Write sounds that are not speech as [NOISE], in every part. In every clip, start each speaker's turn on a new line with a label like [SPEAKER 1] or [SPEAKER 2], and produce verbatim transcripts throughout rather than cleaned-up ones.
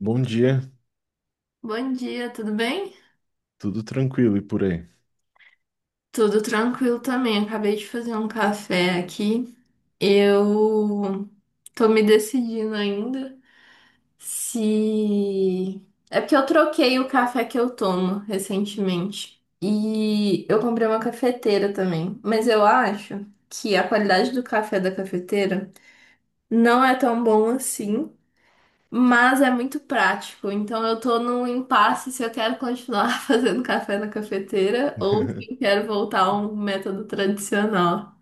[SPEAKER 1] Bom dia,
[SPEAKER 2] Bom dia, tudo bem?
[SPEAKER 1] tudo tranquilo e por aí?
[SPEAKER 2] Tudo tranquilo também. Acabei de fazer um café aqui. Eu tô me decidindo ainda se. É porque eu troquei o café que eu tomo recentemente. E eu comprei uma cafeteira também. Mas eu acho que a qualidade do café da cafeteira não é tão bom assim. Mas é muito prático, então eu tô num impasse se eu quero continuar [LAUGHS] fazendo café na cafeteira ou se eu quero voltar a um método tradicional.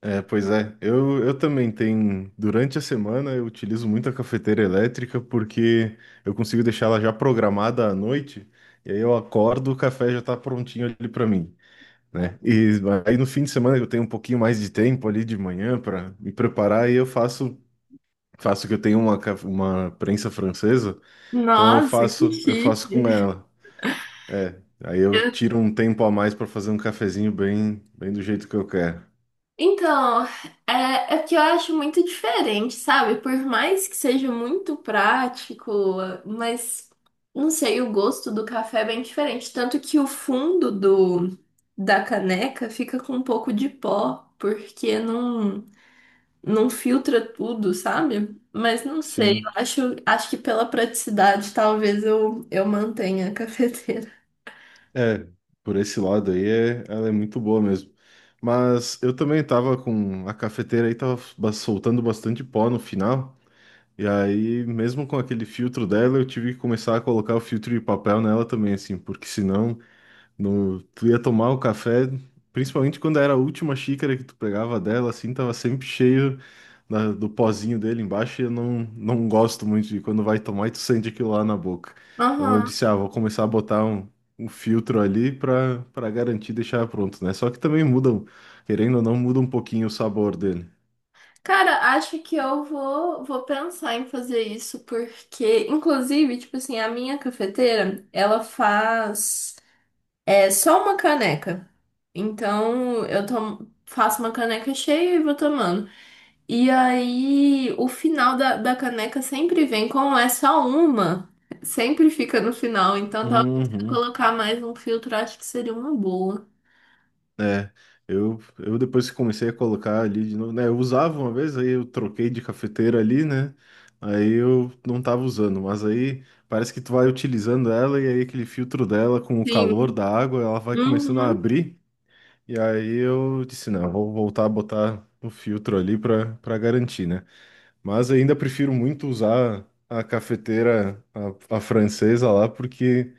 [SPEAKER 1] É, pois é, eu, eu também tenho. Durante a semana eu utilizo muito a cafeteira elétrica porque eu consigo deixar ela já programada à noite, e aí eu acordo, o café já tá prontinho ali para mim, né? E aí no fim de semana eu tenho um pouquinho mais de tempo ali de manhã para me preparar e eu faço. Faço que eu tenho uma, ca- uma prensa francesa, então eu
[SPEAKER 2] Nossa, que
[SPEAKER 1] faço, eu
[SPEAKER 2] chique!
[SPEAKER 1] faço com ela. É, aí eu
[SPEAKER 2] Eu-
[SPEAKER 1] tiro um tempo a mais para fazer um cafezinho bem, bem do jeito que eu quero.
[SPEAKER 2] Então, é, é que eu acho muito diferente, sabe? Por mais que seja muito prático, mas não sei, o gosto do café é bem diferente. Tanto que o fundo do, da caneca fica com um pouco de pó, porque não. não filtra tudo, sabe? Mas não sei, eu
[SPEAKER 1] Sim,
[SPEAKER 2] acho, acho que pela praticidade talvez eu, eu mantenha a [LAUGHS] cafeteira.
[SPEAKER 1] é, por esse lado aí é, ela é muito boa mesmo. Mas eu também tava com a cafeteira aí, tava ba- soltando bastante pó no final, e aí mesmo com aquele filtro dela, eu tive que começar a colocar o filtro de papel nela também, assim, porque senão no, tu ia tomar o café, principalmente quando era a última xícara que tu pegava dela, assim, tava sempre cheio da- do pozinho dele embaixo, e eu não, não gosto muito de quando vai tomar e tu sente aquilo lá na boca. Então eu
[SPEAKER 2] Aham.
[SPEAKER 1] disse, ah, vou começar a botar um, um filtro ali pra, pra garantir deixar pronto, né? Só que também mudam, querendo ou não, muda um pouquinho o sabor dele.
[SPEAKER 2] Cara, acho que eu vou, vou pensar em fazer isso, porque, inclusive, tipo assim, a minha cafeteira, ela faz é, só uma caneca. Então, eu tomo, faço uma caneca cheia e vou tomando. E aí, o final da, da caneca sempre vem como é só uma, sempre fica no final. Então, talvez se eu
[SPEAKER 1] Uhum.
[SPEAKER 2] colocar mais um filtro, acho que seria uma boa.
[SPEAKER 1] É, eu, eu depois que comecei a colocar ali de novo, né? Eu usava uma vez, aí eu troquei de cafeteira ali, né? Aí eu não tava usando, mas aí parece que tu vai utilizando ela e aí aquele filtro dela com o calor
[SPEAKER 2] Sim.
[SPEAKER 1] da água, ela vai começando a
[SPEAKER 2] Uhum.
[SPEAKER 1] abrir. E aí eu disse, não, vou voltar a botar o filtro ali para para garantir, né? Mas ainda prefiro muito usar a cafeteira, a, a francesa lá, porque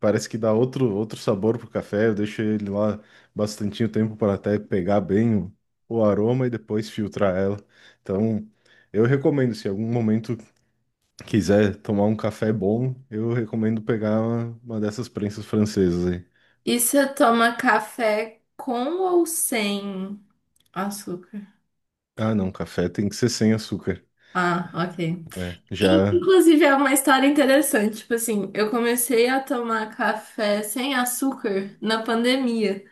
[SPEAKER 1] parece que dá outro, outro sabor pro café. Eu deixo ele lá bastante tempo para até pegar bem o, o aroma e depois filtrar ela. Então, eu recomendo, se em algum momento quiser tomar um café bom, eu recomendo pegar uma, uma dessas prensas francesas aí.
[SPEAKER 2] E você toma café com ou sem açúcar?
[SPEAKER 1] Ah, não, café tem que ser sem açúcar.
[SPEAKER 2] Ah, ok.
[SPEAKER 1] É, já.
[SPEAKER 2] Inclusive, é uma história interessante. Tipo assim, eu comecei a tomar café sem açúcar na pandemia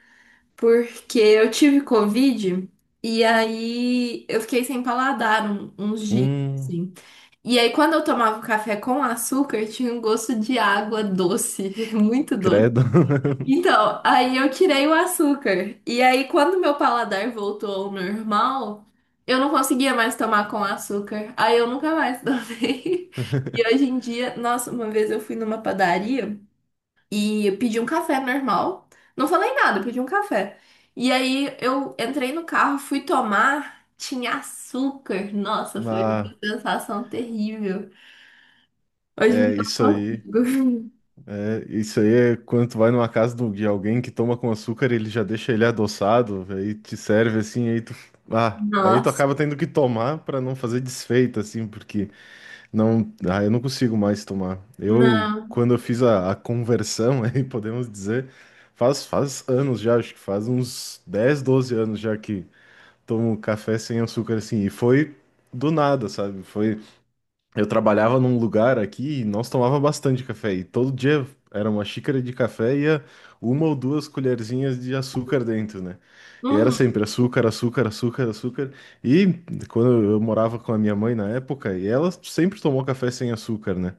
[SPEAKER 2] porque eu tive Covid e aí eu fiquei sem paladar um- uns dias,
[SPEAKER 1] Hum,
[SPEAKER 2] assim. E aí quando eu tomava o café com açúcar, tinha um gosto de água doce, [LAUGHS] muito doce.
[SPEAKER 1] credo. [LAUGHS]
[SPEAKER 2] Então, aí eu tirei o açúcar. E aí quando meu paladar voltou ao normal, eu não conseguia mais tomar com açúcar. Aí eu nunca mais tomei. [LAUGHS] E hoje em dia, nossa, uma vez eu fui numa padaria e eu pedi um café normal. Não falei nada, eu pedi um café. E aí eu entrei no carro, fui tomar, tinha açúcar. Nossa, foi
[SPEAKER 1] Ah,
[SPEAKER 2] uma sensação terrível. Hoje em
[SPEAKER 1] é
[SPEAKER 2] dia eu
[SPEAKER 1] isso
[SPEAKER 2] não
[SPEAKER 1] aí.
[SPEAKER 2] consigo.
[SPEAKER 1] É, isso aí é quando tu vai numa casa do- de alguém que toma com açúcar, ele já deixa ele adoçado, aí te serve assim, aí tu,
[SPEAKER 2] [LAUGHS]
[SPEAKER 1] ah, aí tu
[SPEAKER 2] Nossa,
[SPEAKER 1] acaba tendo que tomar pra não fazer desfeita assim, porque não, ah, eu não consigo mais tomar. Eu
[SPEAKER 2] não.
[SPEAKER 1] quando eu fiz a, a conversão, [LAUGHS] aí podemos dizer, faz faz anos já, acho que faz uns dez doze anos já que tomo café sem açúcar assim, e foi do nada, sabe? Foi eu trabalhava num lugar aqui e nós tomava bastante café. E todo dia era uma xícara de café e ia uma ou duas colherzinhas de açúcar dentro, né? E era
[SPEAKER 2] Uhum,
[SPEAKER 1] sempre açúcar, açúcar, açúcar, açúcar. E quando eu morava com a minha mãe na época, e ela sempre tomou café sem açúcar, né?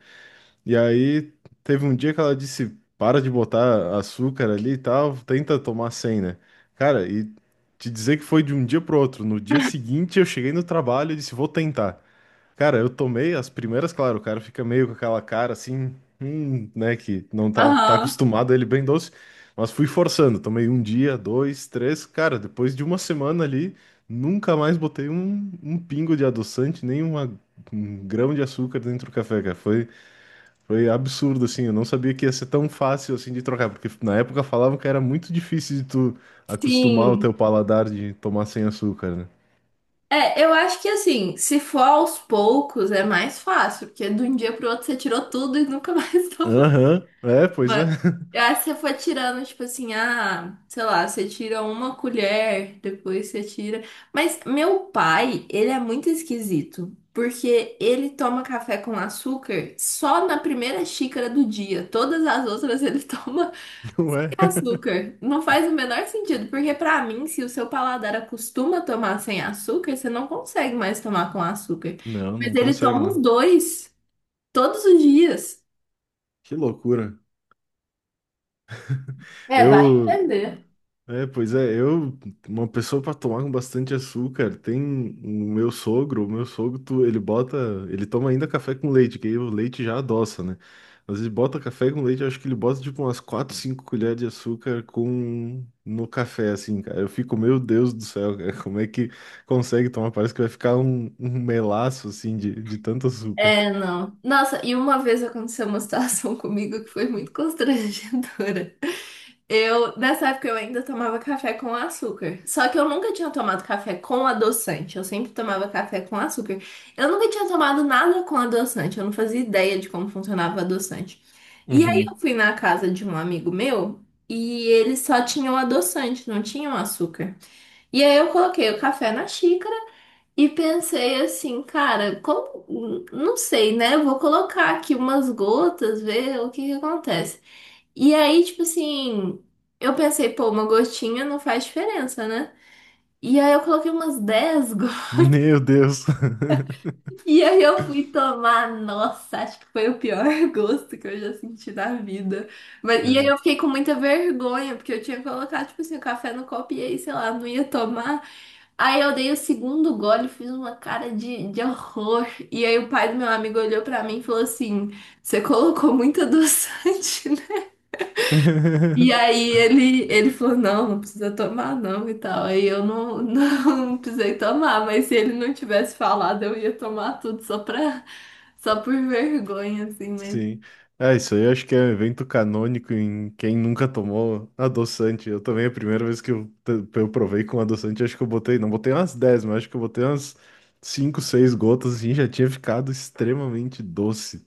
[SPEAKER 1] E aí teve um dia que ela disse: para de botar açúcar ali e tal, tenta tomar sem, né? Cara, e te dizer que foi de um dia pro outro. No dia seguinte eu cheguei no trabalho e disse: vou tentar. Cara, eu tomei as primeiras, claro, o cara fica meio com aquela cara assim, hum, né, que não tá, tá
[SPEAKER 2] aham,
[SPEAKER 1] acostumado a ele bem doce, mas fui forçando, tomei um dia, dois, três, cara, depois de uma semana ali, nunca mais botei um, um pingo de adoçante, nem uma- um grão de açúcar dentro do café, cara, foi, foi absurdo, assim, eu não sabia que ia ser tão fácil, assim, de trocar, porque na época falavam que era muito difícil de tu acostumar o
[SPEAKER 2] sim.
[SPEAKER 1] teu paladar de tomar sem açúcar, né?
[SPEAKER 2] É, eu acho que assim, se for aos poucos é mais fácil, porque de um dia pro outro você tirou tudo e nunca mais [LAUGHS] tomou.
[SPEAKER 1] Aham, é, pois é,
[SPEAKER 2] Mano, aí você foi tirando, tipo assim, ah, sei lá, você tira uma colher, depois você tira. Mas meu pai, ele é muito esquisito, porque ele toma café com açúcar só na primeira xícara do dia. Todas as outras ele [LAUGHS] toma
[SPEAKER 1] [LAUGHS] não
[SPEAKER 2] sem
[SPEAKER 1] é?
[SPEAKER 2] açúcar. Não faz o menor sentido, porque pra mim, se o seu paladar acostuma a tomar sem açúcar, você não consegue mais tomar com açúcar.
[SPEAKER 1] Não,
[SPEAKER 2] Mas
[SPEAKER 1] não
[SPEAKER 2] ele
[SPEAKER 1] consegue,
[SPEAKER 2] toma os
[SPEAKER 1] não.
[SPEAKER 2] dois, todos os dias.
[SPEAKER 1] Que loucura.
[SPEAKER 2] É, vai
[SPEAKER 1] Eu,
[SPEAKER 2] entender.
[SPEAKER 1] é, pois é, eu, uma pessoa para tomar com bastante açúcar, tem o meu sogro, o meu sogro, tu- ele bota, ele toma ainda café com leite, que aí o leite já adoça, né? Mas ele bota café com leite, eu acho que ele bota tipo umas quatro cinco colheres de açúcar com no café, assim, cara. Eu fico, meu Deus do céu, cara, como é que consegue tomar? Parece que vai ficar um, um melaço, assim, de, de tanto açúcar.
[SPEAKER 2] É, não. Nossa, e uma vez aconteceu uma situação [LAUGHS] comigo que foi muito constrangedora. Eu, nessa época, eu ainda tomava café com açúcar. Só que eu nunca tinha tomado café com adoçante. Eu sempre tomava café com açúcar. Eu nunca tinha tomado nada com adoçante. Eu não fazia ideia de como funcionava o adoçante. E aí eu
[SPEAKER 1] Uhum.
[SPEAKER 2] fui na casa de um amigo meu e eles só tinham adoçante, não tinham açúcar. E aí eu coloquei o café na xícara. E pensei assim, cara, como, não sei, né? Vou colocar aqui umas gotas, ver o que que acontece. E aí, tipo assim, eu pensei, pô, uma gotinha não faz diferença, né? E aí eu coloquei umas dez gotas. [LAUGHS]
[SPEAKER 1] Meu Deus.
[SPEAKER 2] E aí eu fui tomar, nossa, acho que foi o pior [LAUGHS] gosto que eu já senti na vida. Mas, e aí eu
[SPEAKER 1] [LAUGHS]
[SPEAKER 2] fiquei com muita vergonha, porque eu tinha colocado, tipo assim, o café no copo e aí, sei lá, não ia tomar. Aí eu dei o segundo gole, fiz uma cara de, de horror. E aí o pai do meu amigo olhou pra mim e falou assim: Você colocou muito adoçante, né? E
[SPEAKER 1] [LAUGHS]
[SPEAKER 2] aí ele, ele falou: Não, não precisa tomar, não, e tal. Aí eu não, não [LAUGHS] precisei tomar, mas se ele não tivesse falado, eu ia tomar tudo só pra, só por vergonha, assim, mas
[SPEAKER 1] Sim. É, isso aí eu acho que é um evento canônico em quem nunca tomou adoçante. Eu também, a primeira vez que eu, t- eu provei com adoçante, acho que eu botei, não botei umas dez mas acho que eu botei umas cinco seis gotas, assim, já tinha ficado extremamente doce.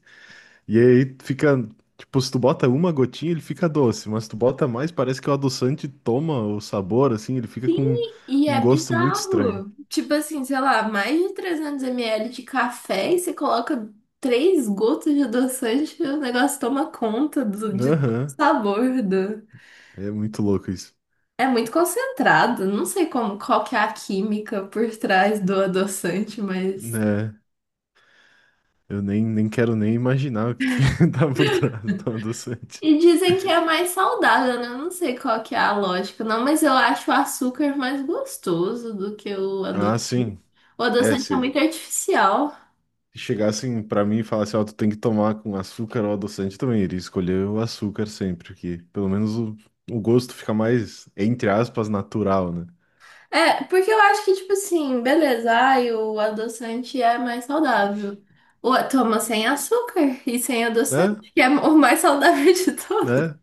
[SPEAKER 1] E aí fica, tipo, se tu bota uma gotinha, ele fica doce, mas se tu bota mais, parece que o adoçante toma o sabor, assim, ele fica
[SPEAKER 2] sim,
[SPEAKER 1] com
[SPEAKER 2] e
[SPEAKER 1] um
[SPEAKER 2] é
[SPEAKER 1] gosto muito estranho.
[SPEAKER 2] bizarro. Tipo assim, sei lá, mais de trezentos ml de café e você coloca três gotas de adoçante e o negócio toma conta do, de todo o
[SPEAKER 1] Aham,
[SPEAKER 2] sabor do...
[SPEAKER 1] é muito louco isso.
[SPEAKER 2] É muito concentrado. Não sei como, qual que é a química por trás do adoçante, mas...
[SPEAKER 1] É. Eu nem, nem quero nem imaginar o que que [LAUGHS] tá por trás do adoçante.
[SPEAKER 2] E dizem que é mais saudável, né? Eu não sei qual que é a lógica, não, mas eu acho o açúcar mais gostoso do que o
[SPEAKER 1] Ah,
[SPEAKER 2] adoçante.
[SPEAKER 1] sim.
[SPEAKER 2] O
[SPEAKER 1] É,
[SPEAKER 2] adoçante é
[SPEAKER 1] se
[SPEAKER 2] muito artificial.
[SPEAKER 1] chegassem pra mim e falassem, ó, tu tem que tomar com açúcar ou adoçante também, iria escolher o açúcar sempre, que pelo menos o, o gosto fica mais, entre aspas, natural, né?
[SPEAKER 2] É, porque eu acho que, tipo assim, beleza, ai, o adoçante é mais saudável. O, toma sem açúcar e sem adoçante,
[SPEAKER 1] Né?
[SPEAKER 2] que é o mais saudável de todos.
[SPEAKER 1] Né?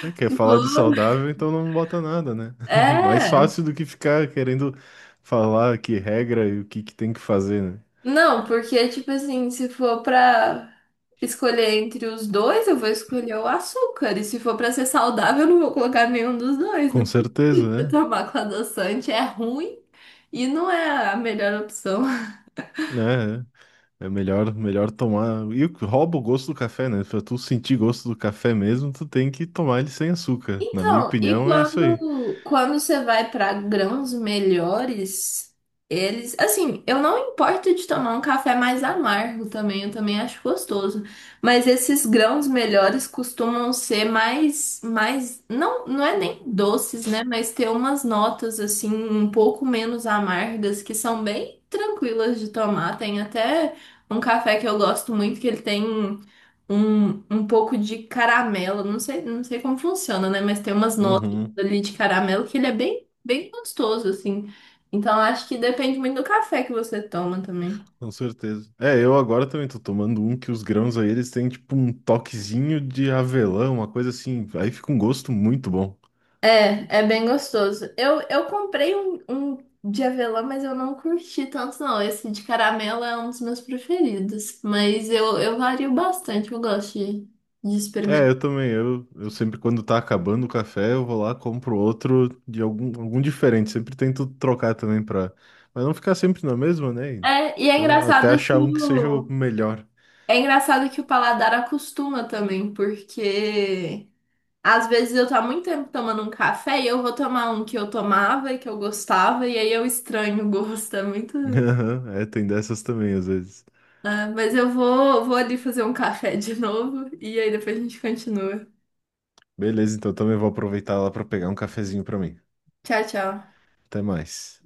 [SPEAKER 1] Né? Quer
[SPEAKER 2] Tipo,
[SPEAKER 1] falar de saudável, então não bota nada, né? [LAUGHS] Mais
[SPEAKER 2] é.
[SPEAKER 1] fácil do que ficar querendo falar que regra e o que que tem que fazer, né?
[SPEAKER 2] Não, porque, tipo assim, se for pra escolher entre os dois, eu vou escolher o açúcar. E se for pra ser saudável, eu não vou colocar nenhum dos dois.
[SPEAKER 1] Com
[SPEAKER 2] Não
[SPEAKER 1] certeza,
[SPEAKER 2] precisa
[SPEAKER 1] né?
[SPEAKER 2] tomar com adoçante, é ruim e não é a melhor opção.
[SPEAKER 1] É, é. É melhor, melhor tomar. E o que rouba o gosto do café, né? Pra tu sentir gosto do café mesmo, tu tem que tomar ele sem açúcar. Na minha
[SPEAKER 2] Então, e
[SPEAKER 1] opinião, é isso aí.
[SPEAKER 2] quando, quando você vai para grãos melhores, eles, assim, eu não importo de tomar um café mais amargo também, eu também acho gostoso, mas esses grãos melhores costumam ser mais, mais, não, não é nem doces, né, mas ter umas notas assim um pouco menos amargas que são bem tranquilas de tomar. Tem até um café que eu gosto muito que ele tem um, um pouco de caramelo. Não sei, não sei como funciona, né? Mas tem umas notas
[SPEAKER 1] Uhum,
[SPEAKER 2] ali de caramelo que ele é bem, bem gostoso, assim. Então acho que depende muito do café que você toma também.
[SPEAKER 1] com certeza. É, eu agora também tô tomando um que os grãos aí, eles têm tipo um toquezinho de avelã, uma coisa assim. Aí fica um gosto muito bom.
[SPEAKER 2] É, é bem gostoso. Eu, eu comprei um, um de avelã, mas eu não curti tanto, não. Esse de caramelo é um dos meus preferidos. Mas eu, eu vario bastante, eu gosto de, de
[SPEAKER 1] É,
[SPEAKER 2] experimentar.
[SPEAKER 1] eu também. Eu, eu sempre, quando tá acabando o café, eu vou lá, compro outro de algum, algum diferente. Sempre tento trocar também pra. Mas não ficar sempre na mesma, né?
[SPEAKER 2] É, e é
[SPEAKER 1] Então, até
[SPEAKER 2] engraçado que
[SPEAKER 1] achar um que seja o
[SPEAKER 2] o,
[SPEAKER 1] melhor.
[SPEAKER 2] é engraçado que o paladar acostuma também, porque às vezes eu tô há muito tempo tomando um café e eu vou tomar um que eu tomava e que eu gostava, e aí eu estranho o gosto, é muito.
[SPEAKER 1] Aham, é, tem dessas também, às vezes.
[SPEAKER 2] Ah, mas eu vou, vou ali fazer um café de novo e aí depois a gente continua.
[SPEAKER 1] Beleza, então também vou aproveitar lá pra pegar um cafezinho pra mim.
[SPEAKER 2] Tchau, tchau.
[SPEAKER 1] Até mais.